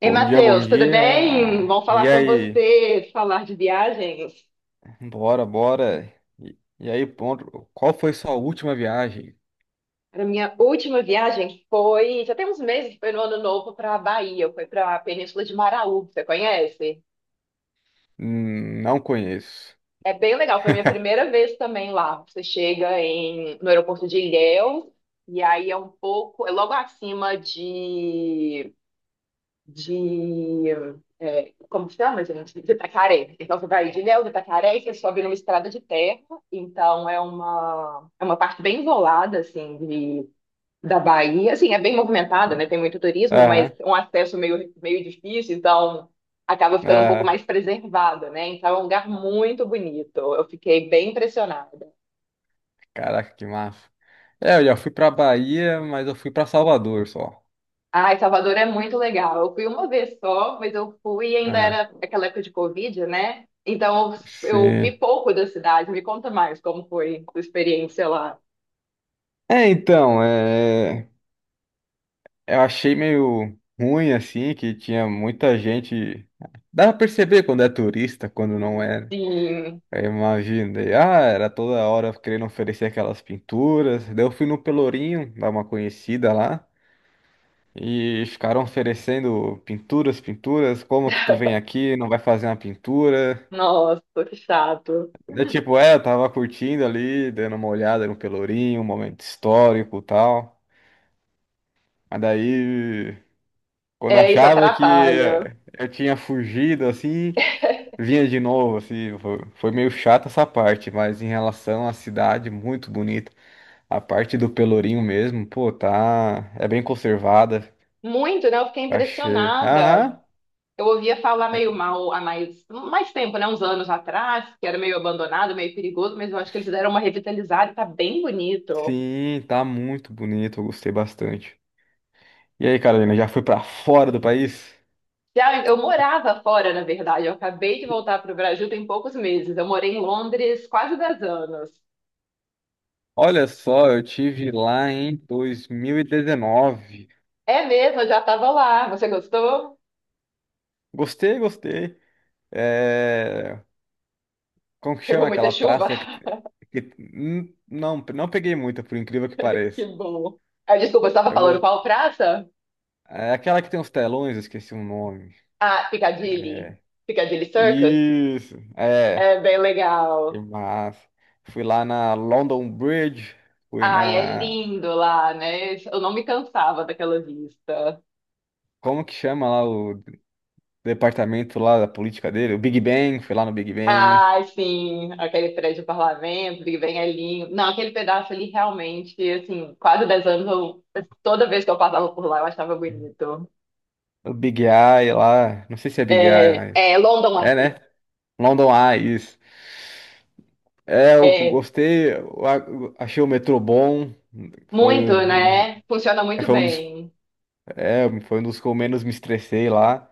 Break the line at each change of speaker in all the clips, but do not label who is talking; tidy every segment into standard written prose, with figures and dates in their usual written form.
Ei,
Bom dia, bom
Matheus, tudo bem?
dia.
Bom
E
falar com
aí?
você, falar de viagens.
Bora, bora. E aí, ponto. Qual foi sua última viagem?
A minha última viagem foi, já tem uns meses, foi no Ano Novo para a Bahia, foi para a Península de Maraú, você conhece?
Não conheço.
É bem legal, foi a minha primeira vez também lá. Você chega no aeroporto de Ilhéus, e aí é um pouco, é logo acima de, é, como chama, gente? De Itacaré. Então, você vai de Ilhéus de Itacaré e você sobe numa estrada de terra. Então, é uma parte bem isolada, assim, de, da Bahia. Assim, é bem movimentada, né? Tem muito turismo, mas
Aham,
um acesso meio difícil, então acaba ficando um pouco
aham.
mais preservada, né? Então, é um lugar muito bonito. Eu fiquei bem impressionada.
Caraca, que massa. É, eu já fui pra Bahia, mas eu fui pra Salvador só.
Ai, Salvador é muito legal. Eu fui uma vez só, mas eu fui e ainda
Aham.
era aquela época de Covid, né? Então eu, eu vi
Sim.
pouco da cidade. Me conta mais como foi a experiência lá.
É, então, eu achei meio ruim, assim, que tinha muita gente. Dá pra perceber quando é turista, quando não é, né?
Sim,
Eu imaginei. Ah, era toda hora querendo oferecer aquelas pinturas. Daí eu fui no Pelourinho, dar uma conhecida lá. E ficaram oferecendo pinturas, pinturas. Como que tu vem aqui, não vai fazer uma pintura?
nossa, que chato.
É tipo, eu tava curtindo ali, dando uma olhada no Pelourinho, um momento histórico e tal. Mas daí, quando
É, isso
achava que
atrapalha.
eu tinha fugido, assim, vinha de novo, assim. Foi meio chata essa parte, mas em relação à cidade, muito bonita. A parte do Pelourinho mesmo, pô, tá. É bem conservada.
Muito, né? Eu fiquei
Achei.
impressionada.
Aham.
Eu ouvia falar meio
É,
mal há mais tempo, né? Uns anos atrás, que era meio abandonado, meio perigoso, mas eu acho que eles deram uma revitalizada e tá bem bonito.
sim, tá muito bonito. Eu gostei bastante. E aí, Carolina, já foi pra fora do país?
Já eu morava fora, na verdade. Eu acabei de voltar para o Brasil tem poucos meses. Eu morei em Londres quase 10 anos.
Olha só, eu tive lá em 2019.
É mesmo, eu já estava lá. Você gostou?
Gostei, gostei. É... Como que
Pegou
chama
muita
aquela
chuva?
praça? Não, não peguei muita, por incrível que
Que
pareça.
bom. Ah, desculpa, eu estava
Eu
falando
go-
qual praça?
É aquela que tem os telões, eu esqueci o nome.
Ah, Piccadilly. Piccadilly Circus?
Isso, é.
É bem
Que
legal.
massa. Fui lá na London Bridge, fui
Ai, é
na.
lindo lá, né? Eu não me cansava daquela vista.
Como que chama lá o departamento lá da política dele? O Big Ben, fui lá no Big Ben.
Ai, sim, aquele prédio do parlamento que vem ali. Não, aquele pedaço ali realmente, assim, quase 10 anos, toda vez que eu passava por lá, eu achava bonito.
O Big Eye lá. Não sei se é Big Eye,
É,
mas.
é London
É,
Eye.
né? London Eye, isso. É, eu
É,
gostei, eu achei o metrô bom. Foi,
muito,
um-
né? Funciona muito
foi um dos,
bem.
foi um dos que eu menos me estressei lá.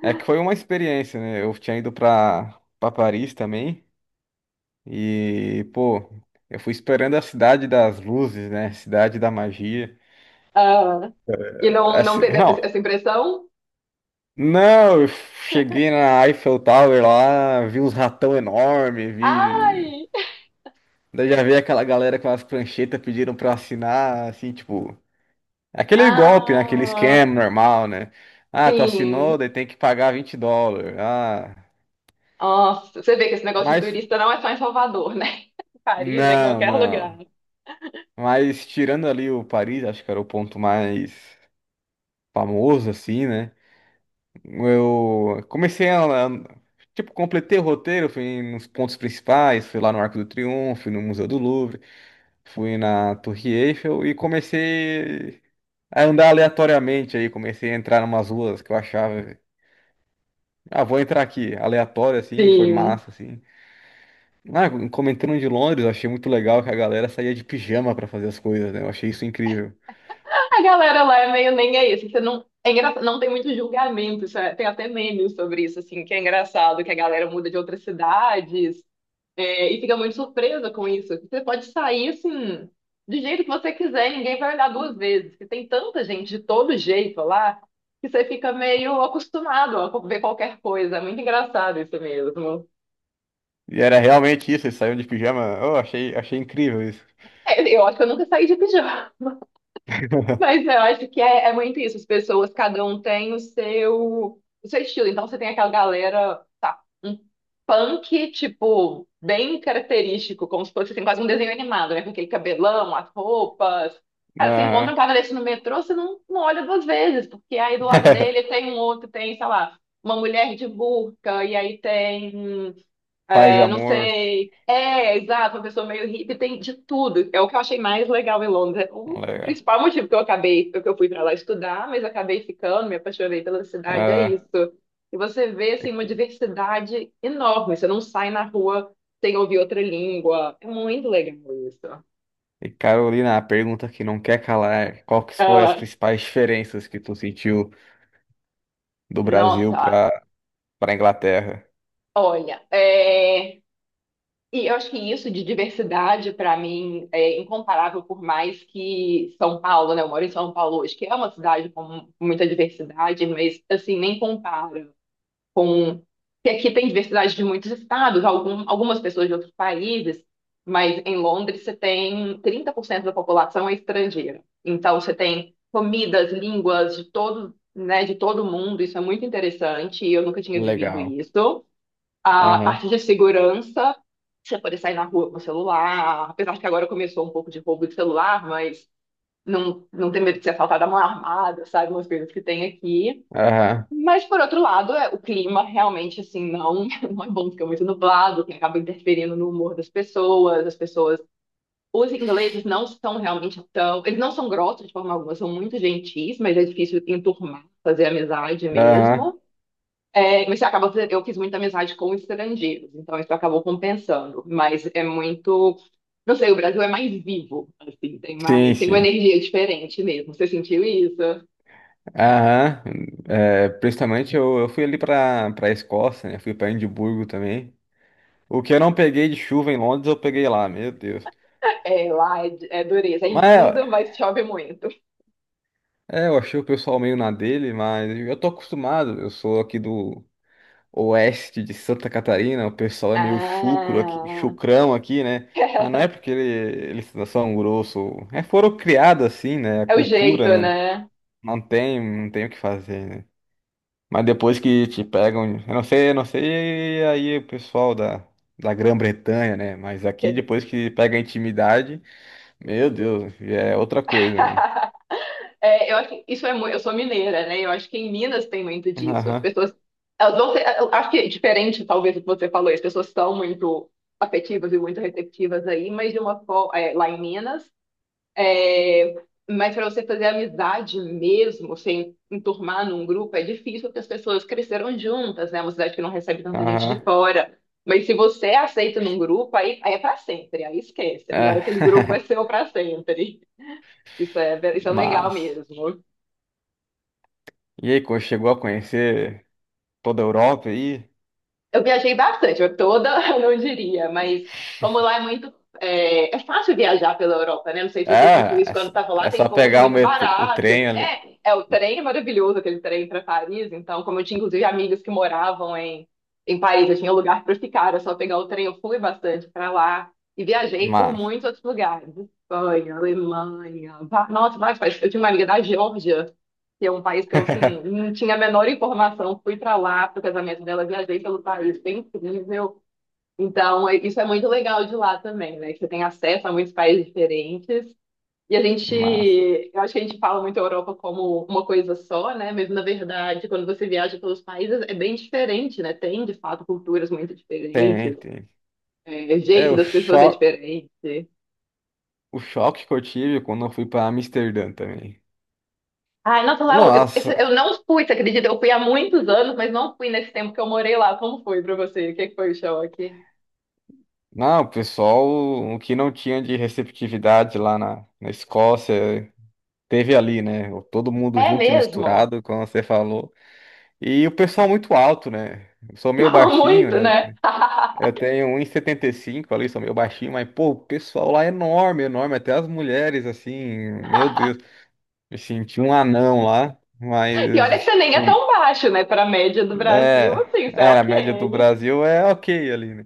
É que foi uma experiência, né? Eu tinha ido pra, Paris também. E, pô, eu fui esperando a cidade das luzes, né? Cidade da magia.
Ah, e não, não
Assim,
teve
não,
essa impressão?
não, eu cheguei na Eiffel Tower lá, vi uns ratão enorme, vi.
Ai!
Daí já vi aquela galera com as pranchetas pediram pra assinar, assim, tipo, aquele golpe, né? Aquele
Ah,
esquema normal, né? Ah, tu
sim.
assinou, daí tem que pagar US$ 20. Ah,
Nossa, você vê que esse negócio de
mas,
turista não é só em Salvador, né? Em Paris, é em
não,
qualquer lugar.
não. Mas tirando ali o Paris, acho que era o ponto mais famoso, assim, né? Eu comecei tipo, completei o roteiro, fui nos pontos principais, fui lá no Arco do Triunfo, no Museu do Louvre, fui na Torre Eiffel e comecei a andar aleatoriamente aí, comecei a entrar em umas ruas que eu achava, ah, vou entrar aqui, aleatório assim, foi
Sim.
massa assim. Ah, comentando de Londres, eu achei muito legal que a galera saía de pijama pra fazer as coisas, né? Eu achei isso incrível.
A galera lá é meio nem é isso. Você não, é não tem muito julgamento. Tem até memes sobre isso, assim, que é engraçado, que a galera muda de outras cidades, é, e fica muito surpresa com isso. Você pode sair, assim, do jeito que você quiser, ninguém vai olhar duas vezes. Porque tem tanta gente de todo jeito lá, que você fica meio acostumado a ver qualquer coisa. É muito engraçado isso mesmo.
E era realmente isso, eles saíam de pijama. Eu achei, achei incrível isso.
É, eu acho que eu nunca saí de pijama. Mas eu acho que é muito isso. As pessoas, cada um tem o seu estilo. Então você tem aquela galera, tá, um punk, tipo, bem característico, como se fosse assim, quase um desenho animado, né? Com aquele cabelão, as roupas. Cara, você encontra
Aham.
um cara desse no metrô, você não, não olha duas vezes, porque aí do lado dele tem um outro, tem, sei lá, uma mulher de burca, e aí tem.
Paz e
É, não
amor,
sei. É, exato, uma pessoa meio hippie tem de tudo. É o que eu achei mais legal em Londres. É o
colega.
principal motivo que eu fui para lá estudar, mas acabei ficando, me apaixonei pela cidade, é isso.
Ah,
E você vê
e
assim uma
que-
diversidade enorme. Você não sai na rua sem ouvir outra língua. É muito legal isso.
e Carolina, a pergunta que não quer calar, é qual que foi as
Ah,
principais diferenças que tu sentiu do Brasil
nossa,
para Inglaterra?
olha, é, e eu acho que isso de diversidade, para mim, é incomparável, por mais que São Paulo, né? Eu moro em São Paulo hoje, que é uma cidade com muita diversidade, mas, assim, nem compara com... que aqui tem diversidade de muitos estados, algumas pessoas de outros países, mas em Londres você tem 30% da população é estrangeira. Então, você tem comidas, línguas de todo, né, de todo mundo, isso é muito interessante, e eu nunca tinha vivido
Legal.
isso. A
Aham.
parte de segurança, você poder sair na rua com o celular, apesar que agora começou um pouco de roubo de celular, mas não, não ter medo de ser assaltado à mão armada, sabe? Umas coisas que tem aqui.
Aham.
Mas, por outro lado, é, o clima realmente, assim, não, não é bom, fica muito nublado, que acaba interferindo no humor das pessoas, as pessoas... Os ingleses não são realmente tão... Eles não são grossos de forma alguma, são muito gentis, mas é difícil enturmar, fazer amizade
Aham.
mesmo. É, você acaba, eu fiz muita amizade com estrangeiros, então isso acabou compensando. Mas é muito, não sei, o Brasil é mais vivo, assim, tem
Sim,
mais, tem uma
sim.
energia diferente mesmo. Você sentiu isso?
Aham. É, principalmente eu fui ali para Escócia, né? Fui para Edimburgo também. O que eu não peguei de chuva em Londres, eu peguei lá, meu Deus.
É, lá é dureza, é
Mas
lindo, mas chove muito.
é, eu achei o pessoal meio na dele, mas eu tô acostumado, eu sou aqui do oeste de Santa Catarina, o pessoal é meio chucro aqui,
Ah,
chucrão aqui, né? Mas não é porque eles são grosso, é, foram criados assim, né? A
é o jeito,
cultura, né?
né?
Não tem, não tem o que fazer, né? Mas depois que te pegam, eu não sei aí o pessoal da, Grã-Bretanha, né? Mas aqui depois que pega a intimidade, meu Deus, é outra coisa, né?
É, eu acho que isso é muito, eu sou mineira, né? Eu acho que em Minas tem muito disso. As
Aham,
pessoas, elas vão ser, eu acho que é diferente, talvez, do que você falou, as pessoas são muito afetivas e muito receptivas aí, mas de uma forma, lá em Minas, é, mas para você fazer amizade mesmo, sem enturmar num grupo, é difícil, porque as pessoas cresceram juntas, né? É uma cidade que não recebe tanta gente de
aham,
fora. Mas se você aceita num grupo, aí é para sempre, aí esquece.
é.
Agora aquele grupo é seu para sempre. Isso é legal
Mas,
mesmo.
e aí, chegou a conhecer toda a Europa aí?
Eu viajei bastante, eu toda eu não diria, mas como lá é muito. É, é fácil viajar pela Europa, né? Não sei se você sentiu
É,
isso quando
só
estava lá,
é
tem
só
voos
pegar o
muito
metrô, o
baratos.
trem ali.
É, é o trem é maravilhoso, aquele trem para Paris. Então, como eu tinha inclusive amigos que moravam em Paris, eu tinha um lugar para ficar, era só pegar o trem, eu fui bastante para lá e viajei por
Mas,
muitos outros lugares. Espanha, Alemanha, nossa, vai, eu tinha uma amiga da Geórgia que é um país que eu, assim, não tinha a menor informação. Fui para lá pro casamento dela, viajei pelo país, foi incrível. Então, isso é muito legal de lá também, né? Que você tem acesso a muitos países diferentes. E a gente,
mas,
eu acho que a gente fala muito a Europa como uma coisa só, né? Mas, na verdade, quando você viaja pelos países, é bem diferente, né? Tem, de fato, culturas muito
tem,
diferentes,
tem.
é, o
É,
jeito das pessoas é diferente.
o choque que eu tive quando eu fui pra Amsterdã também.
Ai, nossa, lá
Nossa,
eu não fui, você acredita? Eu fui há muitos anos, mas não fui nesse tempo que eu morei lá. Como foi pra você? O que que foi o choque?
não, o pessoal, o que não tinha de receptividade lá na Escócia, teve ali, né? Todo mundo
É
junto e
mesmo?
misturado, como você falou. E o pessoal muito alto, né? Eu sou meio baixinho,
Muito,
né?
né?
Eu tenho um 1,75 ali, sou meio baixinho, mas, pô, o pessoal lá é enorme, enorme. Até as mulheres, assim, meu Deus, me senti um anão lá,
E olha que você
mas,
nem é
foi-
tão baixo, né? Para a média do Brasil,
É,
assim, você é
era a média do
ok.
Brasil é ok ali, né?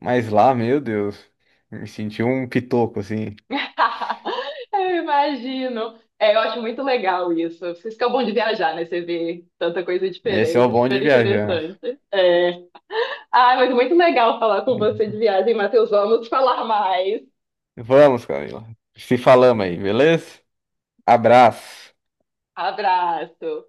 Mas lá, meu Deus, me senti um pitoco, assim.
Eu imagino. É, eu acho muito legal isso. Vocês ficam bom de viajar, né? Você vê tanta coisa
Esse é
diferente,
o
é
bom
super
de viajar.
interessante. É. Ah, mas muito legal falar com você de viagem, Matheus. Vamos falar mais.
Vamos, Camila. Se falamos aí, beleza? Abraço.
Abraço.